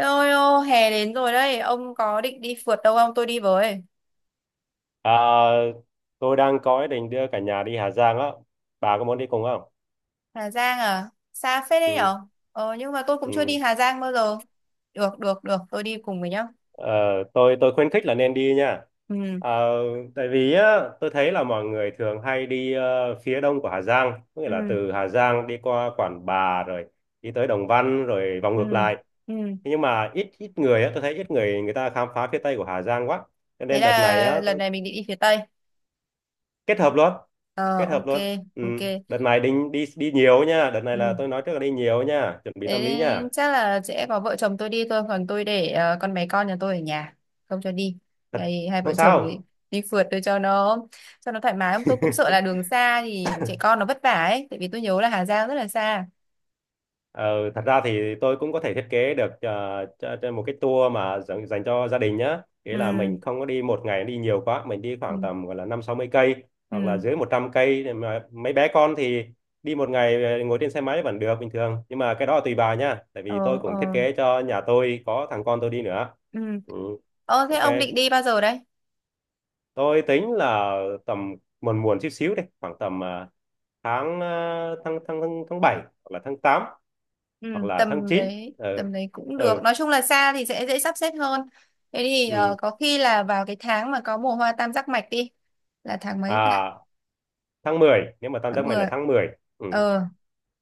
Ôi ô, hè đến rồi đấy, ông có định đi phượt đâu không? Tôi đi với. À, tôi đang có ý định đưa cả nhà đi Hà Giang á. Bà có muốn đi cùng không? Hà Giang à? Xa phết đấy Ừ, nhở? Ờ, nhưng mà tôi cũng chưa đi ừ. Hà Giang bao giờ. Được, được, được, tôi đi cùng với nhá. Ờ, tôi khuyến khích là nên đi nha. Ừ, Ờ, tại vì á, tôi thấy là mọi người thường hay đi phía đông của Hà Giang, có nghĩa là ừ, từ Hà Giang đi qua Quản Bạ rồi đi tới Đồng Văn rồi vòng ngược ừ, lại. ừ. Thế nhưng mà ít ít người á, tôi thấy ít người người ta khám phá phía tây của Hà Giang quá. Cho Thế nên đợt này là á, lần tôi này mình định đi phía Tây. kết hợp luôn Ờ, kết hợp ok, luôn. Ừ. ok. Đợt này định đi đi nhiều nha, đợt này Ừ. là tôi nói trước là đi nhiều nha, chuẩn bị tâm Thế lý nha. chắc là sẽ có vợ chồng tôi đi thôi, còn tôi để con bé con nhà tôi ở nhà, không cho đi. Thật Đây, hai vợ không chồng thì sao. đi phượt, tôi cho nó thoải mái. Tôi cũng sợ là đường xa thì trẻ con nó vất vả ấy, tại vì tôi nhớ là Hà Giang rất là xa. Ờ, thật ra thì tôi cũng có thể thiết kế được cho một cái tour mà dành cho gia đình nhá, nghĩa là Ừ, mình không có đi một ngày đi nhiều quá, mình đi ừ, khoảng tầm gọi là 50-60 cây, hoặc là ừ. dưới 100 cây, để mà mấy bé con thì đi một ngày ngồi trên xe máy vẫn được bình thường. Nhưng mà cái đó là tùy bà nha, tại vì tôi Ờ, cũng thiết ờ. kế cho nhà tôi có thằng con tôi đi nữa. Ừ. Ừ, Ờ, thế ok. ông định đi bao giờ đấy? Tôi tính là tầm muộn muộn chút xíu, đi khoảng tầm tháng ờ, tháng tháng tháng tháng bảy hoặc là tháng 8, Ừ, hoặc là tháng chín Ừ tầm đấy cũng được, ừ nói chung là xa thì sẽ dễ sắp xếp hơn. Thế thì ừ. có khi là vào cái tháng mà có mùa hoa tam giác mạch đi, là tháng mấy ta? À, tháng 10, nếu mà tam Tháng giác mày là 10. tháng 10. Ừ. Ờ,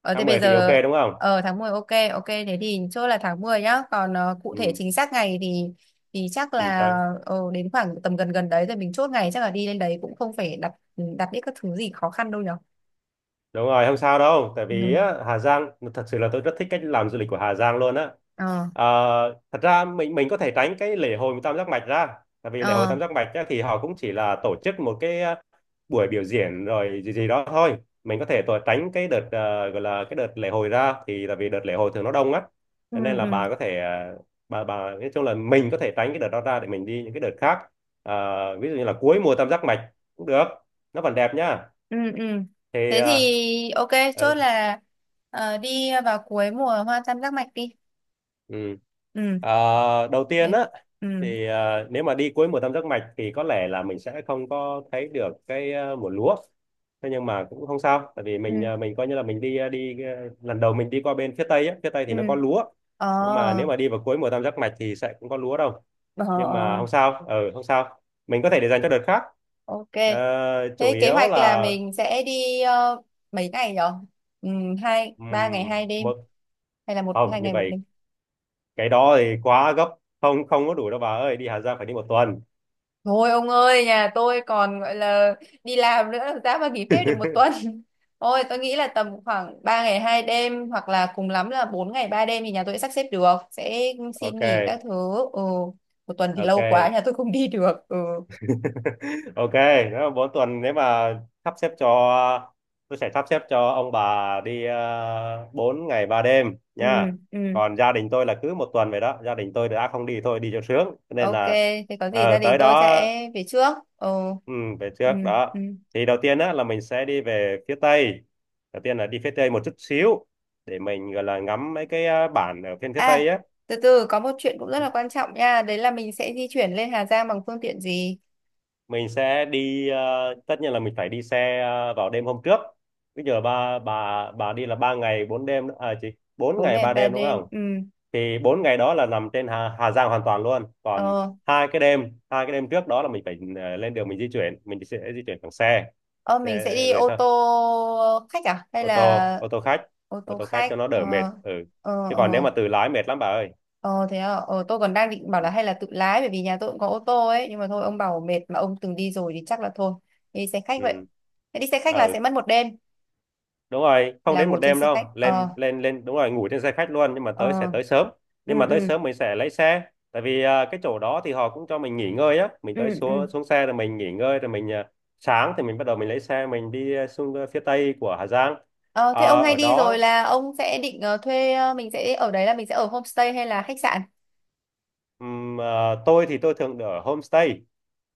ờ, thế tháng bây mười thì ok giờ, đúng không? ờ tháng 10 ok. Ok, thế thì chốt là tháng 10 nhá, còn cụ thể Ừ. chính xác ngày thì chắc Ừ là đấy. Đến khoảng tầm gần gần đấy rồi mình chốt ngày. Chắc là đi lên đấy cũng không phải đặt, ừ, đặt những các thứ gì khó khăn đâu nhở. Đúng rồi, không sao đâu, tại vì Ừ. á, Hà Giang thật sự là tôi rất thích cách làm du lịch của Hà Giang luôn á. Ờ, Ờ, thật ra mình có thể tránh cái lễ hội tam giác mạch ra, tại vì lễ hội ờ. tam giác mạch á, thì họ cũng chỉ là tổ chức một cái buổi biểu diễn rồi gì gì đó thôi. Mình có thể tránh cái đợt gọi là cái đợt lễ hội ra, thì là vì đợt lễ hội thường nó đông á, Ừ, cho nên là ừ, bà có thể bà nói chung là mình có thể tránh cái đợt đó ra để mình đi những cái đợt khác. Ờ, ví dụ như là cuối mùa tam giác mạch cũng được, nó vẫn đẹp nhá. ừ, ừ. Thì Thế ờ, thì ok, chốt ừ, là đi vào cuối mùa hoa tam giác mạch đi. Ừ. Ừ, Ờ, đầu tiên ok. á, Ừ, thì ờ, nếu mà đi cuối mùa tam giác mạch thì có lẽ là mình sẽ không có thấy được cái mùa lúa. Thế nhưng mà cũng không sao, tại vì mình ừ, ờ, mình coi như là mình đi lần đầu mình đi qua bên phía tây á, phía tây ừ. thì nó có lúa, Ờ, nhưng mà nếu mà đi vào cuối mùa tam giác mạch thì sẽ cũng có lúa đâu. ờ, Nhưng mà ờ. không sao, ừ, không sao, mình có thể để dành cho đợt khác. Ok. Ờ, chủ Thế kế yếu hoạch là là mình sẽ đi mấy ngày nhở? Ừ, hai ba ngày hai đêm, một hay là một hai không như ngày một vậy, đêm? cái đó thì quá gấp, không không có đủ đâu bà ơi, đi Hà Giang phải đi 1 tuần. Thôi ông ơi, nhà tôi còn gọi là đi làm nữa, làm sao mà nghỉ phép được một tuần. Ôi, tôi nghĩ là tầm khoảng 3 ngày 2 đêm hoặc là cùng lắm là 4 ngày 3 đêm thì nhà tôi sẽ sắp xếp được, sẽ xin Ok. nghỉ các thứ. Ừ, một tuần thì lâu quá, Ok. nhà tôi không đi được. Ừ. Ok. Nếu mà mỗi tuần, nếu mà sắp xếp cho tôi sẽ sắp xếp cho ông bà đi 4 ngày ba đêm Ừ, nha. ừ. Còn gia đình tôi là cứ 1 tuần vậy đó, gia đình tôi đã không đi thôi, đi cho sướng. Cho nên Ok, là thế có gì gia ờ, đình tới tôi đó, sẽ về trước. Ừ. ừ, về Ừ, trước ừ. đó. Thì đầu tiên á, là mình sẽ đi về phía Tây, đầu tiên là đi phía Tây một chút xíu để mình gọi là ngắm mấy cái bản ở phía phía Tây À, á. từ từ, có một chuyện cũng rất là quan trọng nha, đấy là mình sẽ di chuyển lên Hà Giang bằng phương tiện gì? Mình sẽ đi tất nhiên là mình phải đi xe vào đêm hôm trước. Bây giờ ba bà đi là 3 ngày 4 đêm à chị? bốn 4 ngày ngày ba 3 đêm đúng đêm. không? Ừ. Thì 4 ngày đó là nằm trên Hà Giang hoàn toàn luôn, còn Ờ, hai cái đêm trước đó là mình phải lên đường, mình di chuyển, mình sẽ di chuyển bằng xe. ờ, mình sẽ đi Rồi ô sao, tô khách à, hay ô tô là ô tô khách. ô Ô tô tô khách khách? cho nó Ờ, đỡ mệt, ừ. ờ, Chứ còn nếu ờ, mà tự lái mệt lắm bà ơi. ờ, thế à? Ờ, tôi còn đang định bảo Ừ là hay là tự lái, bởi vì nhà tôi cũng có ô tô ấy, nhưng mà thôi ông bảo mệt, mà ông từng đi rồi thì chắc là thôi. Đi xe khách vậy. ừ. Thế đi xe khách là Ừ. sẽ mất một đêm, Đúng rồi, không là đến một ngủ trên đêm xe đâu, khách. lên Ờ, lên lên đúng rồi, ngủ trên xe khách luôn, nhưng mà ờ, tới sẽ tới sớm. ừ, Nhưng mà tới ừ, sớm mình sẽ lấy xe, tại vì à, cái chỗ đó thì họ cũng cho mình nghỉ ngơi á, mình ừ, tới ừ. xuống xuống xe rồi mình nghỉ ngơi, rồi mình à, sáng thì mình bắt đầu mình lấy xe mình đi à, xuống à, phía tây của Hà Giang. Ờ, À, thế ông hay ở đi rồi đó là ông sẽ định thuê, ờ, mình sẽ ở đấy là mình sẽ ở homestay hay là khách sạn? À, tôi thường ở homestay,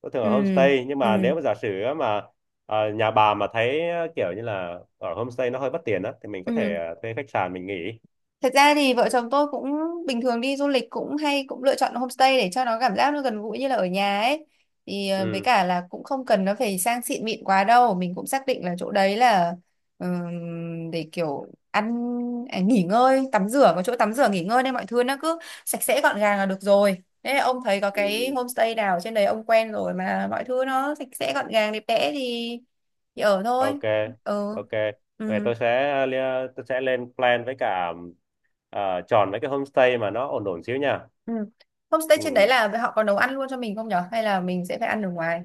tôi thường Ừ, ở homestay. Nhưng mà ừ, nếu mà giả sử á mà à, nhà bà mà thấy à, kiểu như là ở homestay nó hơi bất tiện á, thì mình có thể ừ. à, thuê khách sạn mình nghỉ. Thật ra thì vợ Ừ. chồng tôi cũng bình thường đi du lịch cũng hay cũng lựa chọn homestay để cho nó cảm giác nó gần gũi như là ở nhà ấy. Thì với Ừ. cả là cũng không cần nó phải sang xịn mịn quá đâu, mình cũng xác định là chỗ đấy là, để kiểu ăn, à, nghỉ ngơi, tắm rửa, có chỗ tắm rửa nghỉ ngơi, nên mọi thứ nó cứ sạch sẽ gọn gàng là được rồi. Thế ông thấy có cái Ừ. homestay nào trên đấy ông quen rồi mà mọi thứ nó sạch sẽ gọn gàng đẹp đẽ thì ở thôi. Ok. Ừ. Ok, vậy Ừ. Tôi sẽ lên plan, với cả ờ, chọn mấy cái homestay mà nó ổn ổn xíu nha. Ừ. Homestay trên đấy Ừ. là họ có nấu ăn luôn cho mình không nhở? Hay là mình sẽ phải ăn ở ngoài?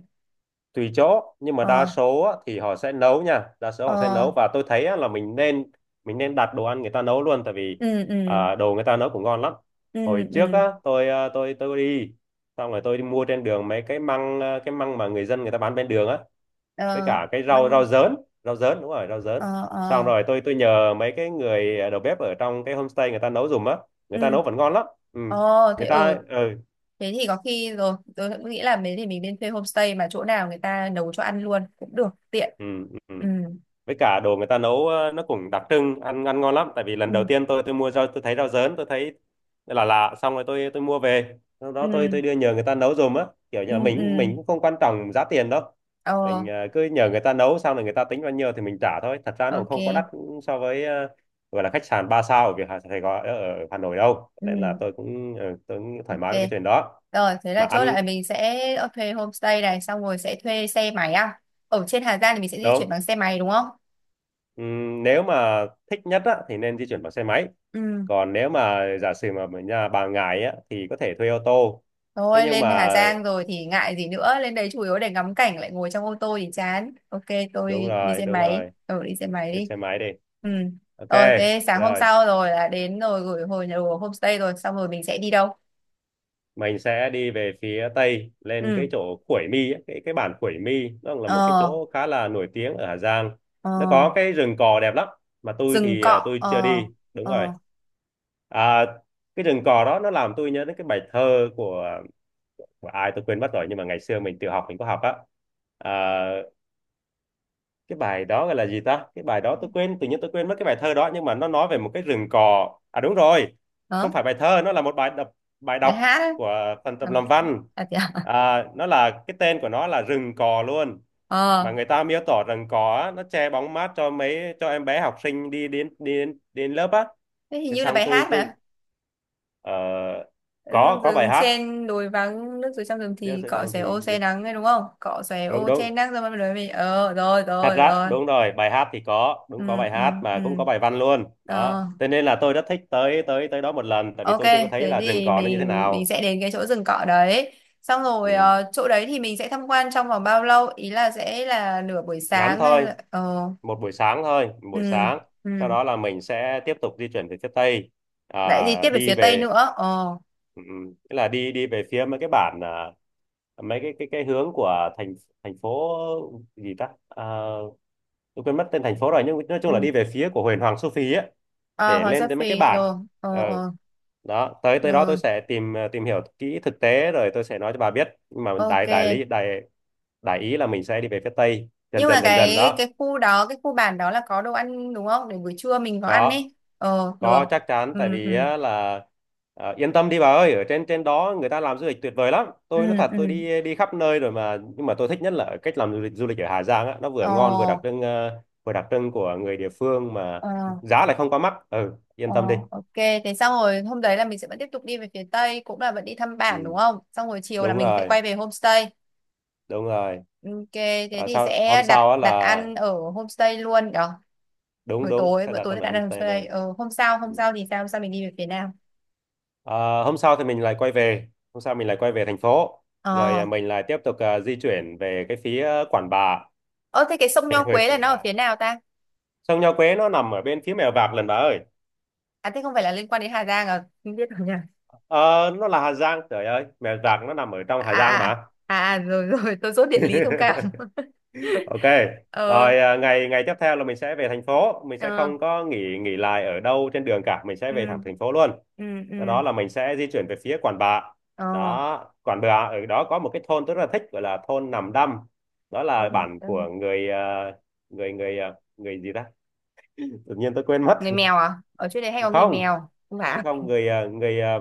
Tùy chỗ, nhưng mà đa Ờ, số á, thì họ sẽ nấu nha, đa số họ sẽ ờ, nấu. Và tôi thấy á, là mình nên đặt đồ ăn người ta nấu luôn, tại vì ừ, ừ, à, đồ người ta nấu cũng ngon lắm. ừ, Hồi trước ừ, á tôi à, tôi đi xong rồi tôi đi mua trên đường mấy cái măng, à, cái măng mà người dân người ta bán bên đường á, với ờ, cả cái rau mang, rau dớn, rau dớn đúng rồi, rau dớn. ờ, Xong ờ, rồi tôi nhờ mấy cái người đầu bếp ở trong cái homestay người ta nấu giùm á, người ta ừ, nấu vẫn ngon lắm. Ừ. ờ, thế Người ừ, ta ừ. thế thì có khi rồi, tôi cũng nghĩ là mấy thì mình nên thuê homestay mà chỗ nào người ta nấu cho ăn luôn cũng được, tiện. Ừ. Ừ, Ừ. Với cả đồ người ta nấu ờ, nó cũng đặc trưng, ăn ăn ngon lắm, tại vì lần ừ, đầu tiên tôi mua rau, tôi thấy rau dớn, tôi thấy là lạ. Xong rồi tôi mua về, sau đó tôi ừ, tôi đưa nhờ người ta nấu giùm á, kiểu như ừ, là mình ừ, mình cũng không quan trọng giá tiền đâu. Mình ờ, ờ, cứ nhờ người ta nấu xong rồi người ta tính bao nhiêu thì mình trả thôi, thật ra nó cũng không có đắt ok, so với gọi là khách sạn 3 sao ở Việt Hà Sài Gòn ở Hà Nội đâu, nên là ừ. tôi cũng ờ, tôi cũng thoải mái Ok, với cái chuyện đó. rồi thế là Mà chốt ăn lại mình sẽ thuê homestay này, xong rồi sẽ thuê xe máy à, ở trên Hà Giang thì mình sẽ di đúng. chuyển bằng xe máy đúng không? Nếu mà thích nhất á, thì nên di chuyển bằng xe máy. Ừ. Còn nếu mà giả sử mà ở nhà bà ngại á, thì có thể thuê ô tô. Thế Thôi nhưng lên Hà mà Giang rồi thì ngại gì nữa, lên đấy chủ yếu để ngắm cảnh, lại ngồi trong ô tô thì chán. Ok, đúng tôi đi rồi, xe đúng máy, rồi, ừ đi xe máy thuê đi. xe máy đi. Ừ, Ok. rồi thế sáng hôm Rồi sau rồi là đến rồi gửi hồi nhà đồ homestay rồi, xong rồi mình sẽ đi đâu? mình sẽ đi về phía tây, lên Ừ. cái chỗ Khuổi Mi ấy, cái bản Khuổi Mi nó là một cái Ờ, chỗ khá là nổi tiếng ở Hà Giang. ờ, Nó có cái rừng cò đẹp lắm, mà tôi rừng thì à, cọ, tôi chưa ờ, đi đúng rồi. ờ, À, cái rừng cò đó nó làm tôi nhớ đến cái bài thơ của ai tôi quên mất rồi, nhưng mà ngày xưa mình tự học mình có học á. À, cái bài đó gọi là gì ta, cái bài đó tôi quên, tự nhiên tôi quên mất cái bài thơ đó, nhưng mà nó nói về một cái rừng cỏ à, đúng rồi hả, không phải bài thơ, nó là một bài đọc, bài bài đọc hát ấy. của phần tập À, làm văn. à, thế à? À, nó là cái tên của nó là rừng cò luôn, Ờ. mà người ta miêu tả rừng cò á, nó che bóng mát cho mấy cho em bé học sinh đi đến lớp á. Thế hình Thế như là xong bài tôi hát tôi mà, ờ, ừ, có bài rừng hát. trên đồi vắng nước dưới trong rừng Nếu thì sẽ cỏ chọn xẻ ô thì che nắng đấy đúng không, cỏ xẻ đúng ô đúng, che nắng, rồi bắt đầu mình ờ, rồi thật rồi ra rồi. đúng rồi, bài hát thì có, Ừ, đúng có bài ừ, hát ừ, mà cũng có bài văn luôn ờ, đó, cho nên là tôi rất thích tới tới tới đó một lần, tại vì ok. tôi chưa có thấy Thế là rừng thì cò nó như thế mình nào. sẽ đến cái chỗ rừng cỏ đấy, xong rồi Ừ. Chỗ đấy thì mình sẽ tham quan trong vòng bao lâu, ý là sẽ là nửa buổi Ngắn sáng hay thôi, là ờ. một buổi sáng thôi, một buổi Ừ, sáng. ừ. Sau đó là mình sẽ tiếp tục di chuyển về phía tây, Lại đi à, tiếp về đi phía tây về nữa, ờ. ừ, ừ. Tức là đi đi về phía mấy cái bản, à, mấy cái hướng của thành thành phố gì ta, à, tôi quên mất tên thành phố rồi, nhưng nói chung là Ừ. đi về phía của Huyền Hoàng Su Phi ấy À, để Hoàng Sa lên tới mấy cái Phi bản. rồi, Ừ. ờ, ờ. Đó, tới tới đó tôi Rồi, sẽ tìm tìm hiểu kỹ thực tế rồi tôi sẽ nói cho bà biết, nhưng mà ok. đại đại lý đại đại ý là mình sẽ đi về phía tây dần Nhưng mà dần dần dần cái đó. cái khu đó, cái khu bản đó là có đồ ăn đúng không, để buổi trưa mình có ăn có ấy, ờ, được. có, chắc chắn, Ừ, tại ừ, vì á, là yên tâm đi bà ơi, ở trên trên đó người ta làm du lịch tuyệt vời lắm. ừ, Tôi nói thật, ừ, tôi đi đi khắp nơi rồi mà, nhưng mà tôi thích nhất là ở cách làm du lịch ở Hà Giang á, nó vừa ờ, ngon vừa đặc trưng, vừa đặc trưng của người địa phương mà ờ, giá lại không quá mắc. Ừ, yên ờ, tâm đi. ok. Thế xong rồi hôm đấy là mình sẽ vẫn tiếp tục đi về phía tây, cũng là vẫn đi thăm bản đúng Ừ, không, xong rồi chiều là đúng mình sẽ rồi, quay về homestay. đúng rồi. Ok, thế Ờ, thì Sau hôm sẽ đặt sau á đặt là ăn ở homestay luôn đó. đúng Buổi đúng tối sẽ bữa đặt tối ra sẽ là đặt ăn ở homestay homestay. luôn. Ờ, hôm Ừ. sau thì sao, hôm sau mình đi về phía nào? Ờ, Hôm sau thì mình lại quay về, hôm sau mình lại quay về thành phố, rồi Ờ, mình lại tiếp tục di chuyển về cái phía Quản Bạ, ờ, thế cái sông về Nho huyện Quế là Quản nó Bạ. ở phía nào ta? Sông Nho Quế nó nằm ở bên phía Mèo Vạc lần bà ơi. À, thế không phải là liên quan đến Hà Giang à, không biết nhỉ. Ờ, nó là Hà Giang, trời ơi, Mèo Vạc nó nằm ở trong À, Hà Giang à, mà. à, à, rồi rồi tôi dốt địa lý thông cảm. Ok, Ờ, rồi ngày ngày tiếp theo là mình sẽ về thành phố, mình sẽ ờ, không có nghỉ nghỉ lại ở đâu trên đường cả, mình sẽ về ừ, thẳng thành phố luôn. ừ, ừ, Sau đó là mình sẽ di chuyển về phía Quản Bạ. ờ, Đó, Quản Bạ, ở đó có một cái thôn tôi rất là thích, gọi là thôn Nằm Đăm. Đó là tôi, bản của tôi- người người người ờ, người gì ta? Tự nhiên tôi quên mất. người mèo à, ở chỗ đấy hay có người Không, mèo, không phải không à? không người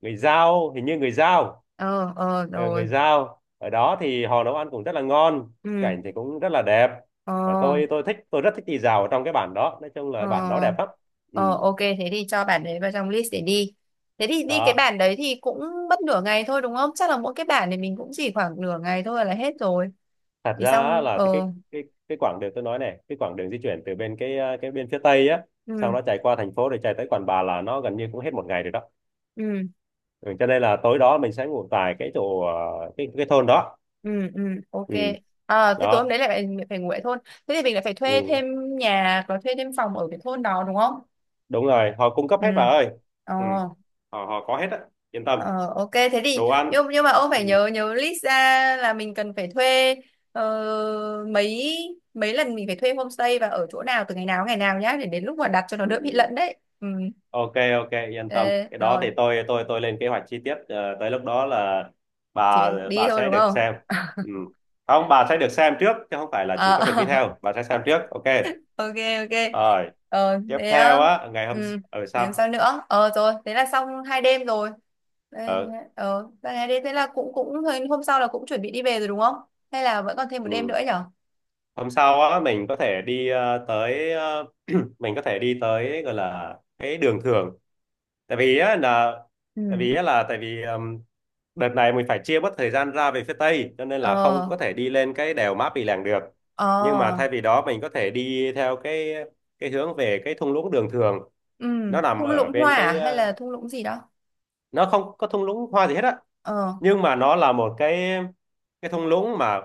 người Dao, hình như người Dao. Ờ, ờ, Ờ, người rồi, Dao. Ở đó thì họ nấu ăn cũng rất là ngon, ừ, cảnh thì cũng rất là đẹp. ờ, Và tôi rất thích đi dạo ở trong cái bản đó, nói chung là bản đó đẹp ờ, lắm. Ừ. ờ, ok, thế thì cho bản đấy vào trong list để đi. Thế thì đi cái Đó, bản đấy thì cũng mất nửa ngày thôi đúng không, chắc là mỗi cái bản này mình cũng chỉ khoảng nửa ngày thôi là hết rồi, thật thì ra á xong là ờ. Cái quãng đường tôi nói này, cái quãng đường di chuyển từ bên cái cái bên phía tây á, Ừ, xong nó chạy qua thành phố rồi chạy tới Quản Bạ là nó gần như cũng hết một ngày rồi đó. ừ, Ừ, cho nên là tối đó mình sẽ ngủ tại cái chỗ cái thôn đó. ừ, ừ, ok. Ừ, À, thế tối hôm đó. đấy lại phải ngủ ở thôn. Thế thì mình lại phải thuê Ừ, thêm nhà và thuê thêm phòng ở cái thôn đó đúng không? đúng rồi, họ cung cấp Ừ, hết bà ơi. ờ, Ừ, họ họ có hết á, yên tâm, ờ, ok, thế thì, đồ ăn. nhưng mà ông phải Ừ, nhớ nhớ list ra là mình cần phải thuê, ờ, mấy mấy lần mình phải thuê homestay, và ở chỗ nào từ ngày nào nhá, để đến lúc mà đặt cho nó ừ, đỡ bị ừ. lẫn đấy. Ừ. Ok, ok, yên tâm. Ê, Cái đó thì rồi tôi tôi lên kế hoạch chi tiết, tới lúc đó là chỉ bà phải đi bà thôi sẽ đúng được không? xem. Ừ. Không, bà sẽ được xem trước chứ không phải là chỉ Ờ, có việc đi theo, bà sẽ xem trước, ok, ok, ok. rồi. Ờ, Tiếp thế theo ờ, á, ngày hôm ừ, ở làm sao sau nữa, ờ rồi thế là xong hai đêm rồi. Đây, ờ, ờ vậy hai đêm thế là cũng cũng hôm sau là cũng chuẩn bị đi về rồi đúng không, hay là vẫn còn thêm một đêm ừ. nữa nhở? Hôm sau á mình có thể đi mình có thể đi tới, gọi là cái đường thường. tại vì á là Ừ. Tại vì đợt này mình phải chia bớt thời gian ra về phía Tây cho nên là không Ờ, có thể đi lên cái đèo Mã Pì Lèng được, ờ, nhưng mà thay vì đó mình có thể đi theo cái hướng về cái thung lũng Đường Thường. ừ. Nó nằm Thung ở lũng bên hoa à, cái hay là thung lũng gì đó? nó không có thung lũng hoa gì hết á, Ờ, nhưng mà nó là một cái thung lũng mà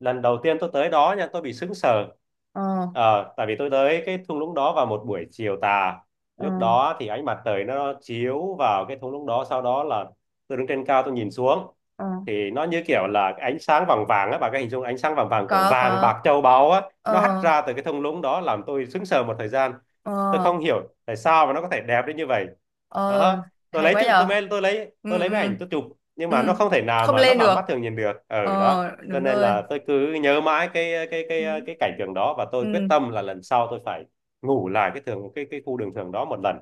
lần đầu tiên tôi tới đó nha, tôi bị sững sờ. ờ, Ờ, tại vì tôi tới cái thung lũng đó vào một buổi chiều tà, ờ, lúc đó thì ánh mặt trời nó chiếu vào cái thung lũng đó, sau đó là tôi đứng trên cao tôi nhìn xuống ờ, thì nó như kiểu là cái ánh sáng vàng vàng á. Bà có hình dung ánh sáng vàng vàng của có vàng có bạc châu báu á, nó hắt ờ, ra từ cái thung lũng đó làm tôi sững sờ một thời gian. ờ, Tôi không hiểu tại sao mà nó có thể đẹp đến như vậy. ờ, Đó, tôi hay lấy quá chữ tôi nhở. mới Ừ, tôi lấy máy ừ, ảnh tôi chụp, nhưng mà nó ừ, không thể nào không mà nó lên bằng được, mắt thường nhìn được ở ờ đó. Cho đúng nên rồi. là tôi cứ nhớ mãi cái cái Ừ. cái cái cảnh tượng đó, và tôi quyết Ừ. tâm là lần sau tôi phải ngủ lại cái khu đường thường đó một lần.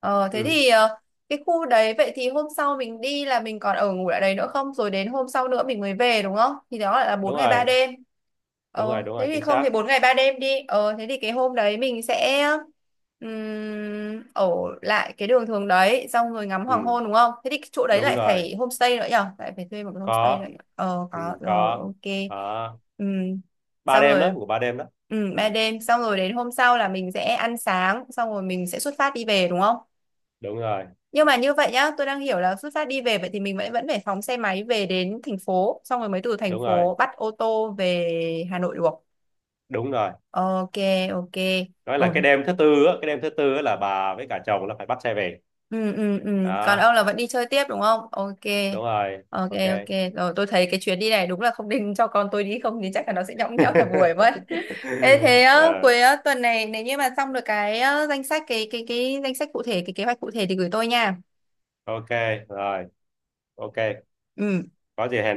Ờ thế Ừ, thì cái khu đấy, vậy thì hôm sau mình đi là mình còn ở ngủ lại đấy nữa không? Rồi đến hôm sau nữa mình mới về đúng không? Thì đó lại là bốn đúng ngày 3 rồi, đêm. đúng Ờ rồi, đúng thế rồi, thì chính không thì xác. 4 ngày 3 đêm đi. Ờ thế thì cái hôm đấy mình sẽ ở lại cái đường thường đấy xong rồi ngắm hoàng Ừ, hôn đúng không? Thế thì cái chỗ đấy đúng lại rồi. phải homestay nữa nhở? Lại phải thuê một cái homestay nữa. Có, Nhở? Ờ ừ, có rồi, có. ok. Đó. Ừm, Ba xong đêm đó, rồi. ngủ ba đêm đó. Ừ, ba Ừ. đêm xong rồi, đến hôm sau là mình sẽ ăn sáng xong rồi mình sẽ xuất phát đi về đúng không? Đúng rồi, Nhưng mà như vậy nhá, tôi đang hiểu là xuất phát đi về, vậy thì mình vẫn vẫn phải phóng xe máy về đến thành phố, xong rồi mới từ thành đúng rồi, phố bắt ô tô về Hà Nội được. đúng rồi. Ok, ok. Nói là Ôi, cái đêm thứ tư á, là bà với cả chồng là phải bắt xe về ừ, ừ, ừ. Còn đó. ông là vẫn đi chơi tiếp đúng không, ok. Đúng rồi, Ok, ok. ok, rồi tôi thấy cái chuyến đi này đúng là không định cho con tôi đi, không thì chắc là nó sẽ nhõng nhẽo cả buổi mất. Thế thế á, Ờ, cuối á, tuần này nếu như mà xong được danh sách, cái danh sách cụ thể, cái kế hoạch cụ thể thì gửi tôi nha. ok, rồi, ok, Ừ. có gì hẹn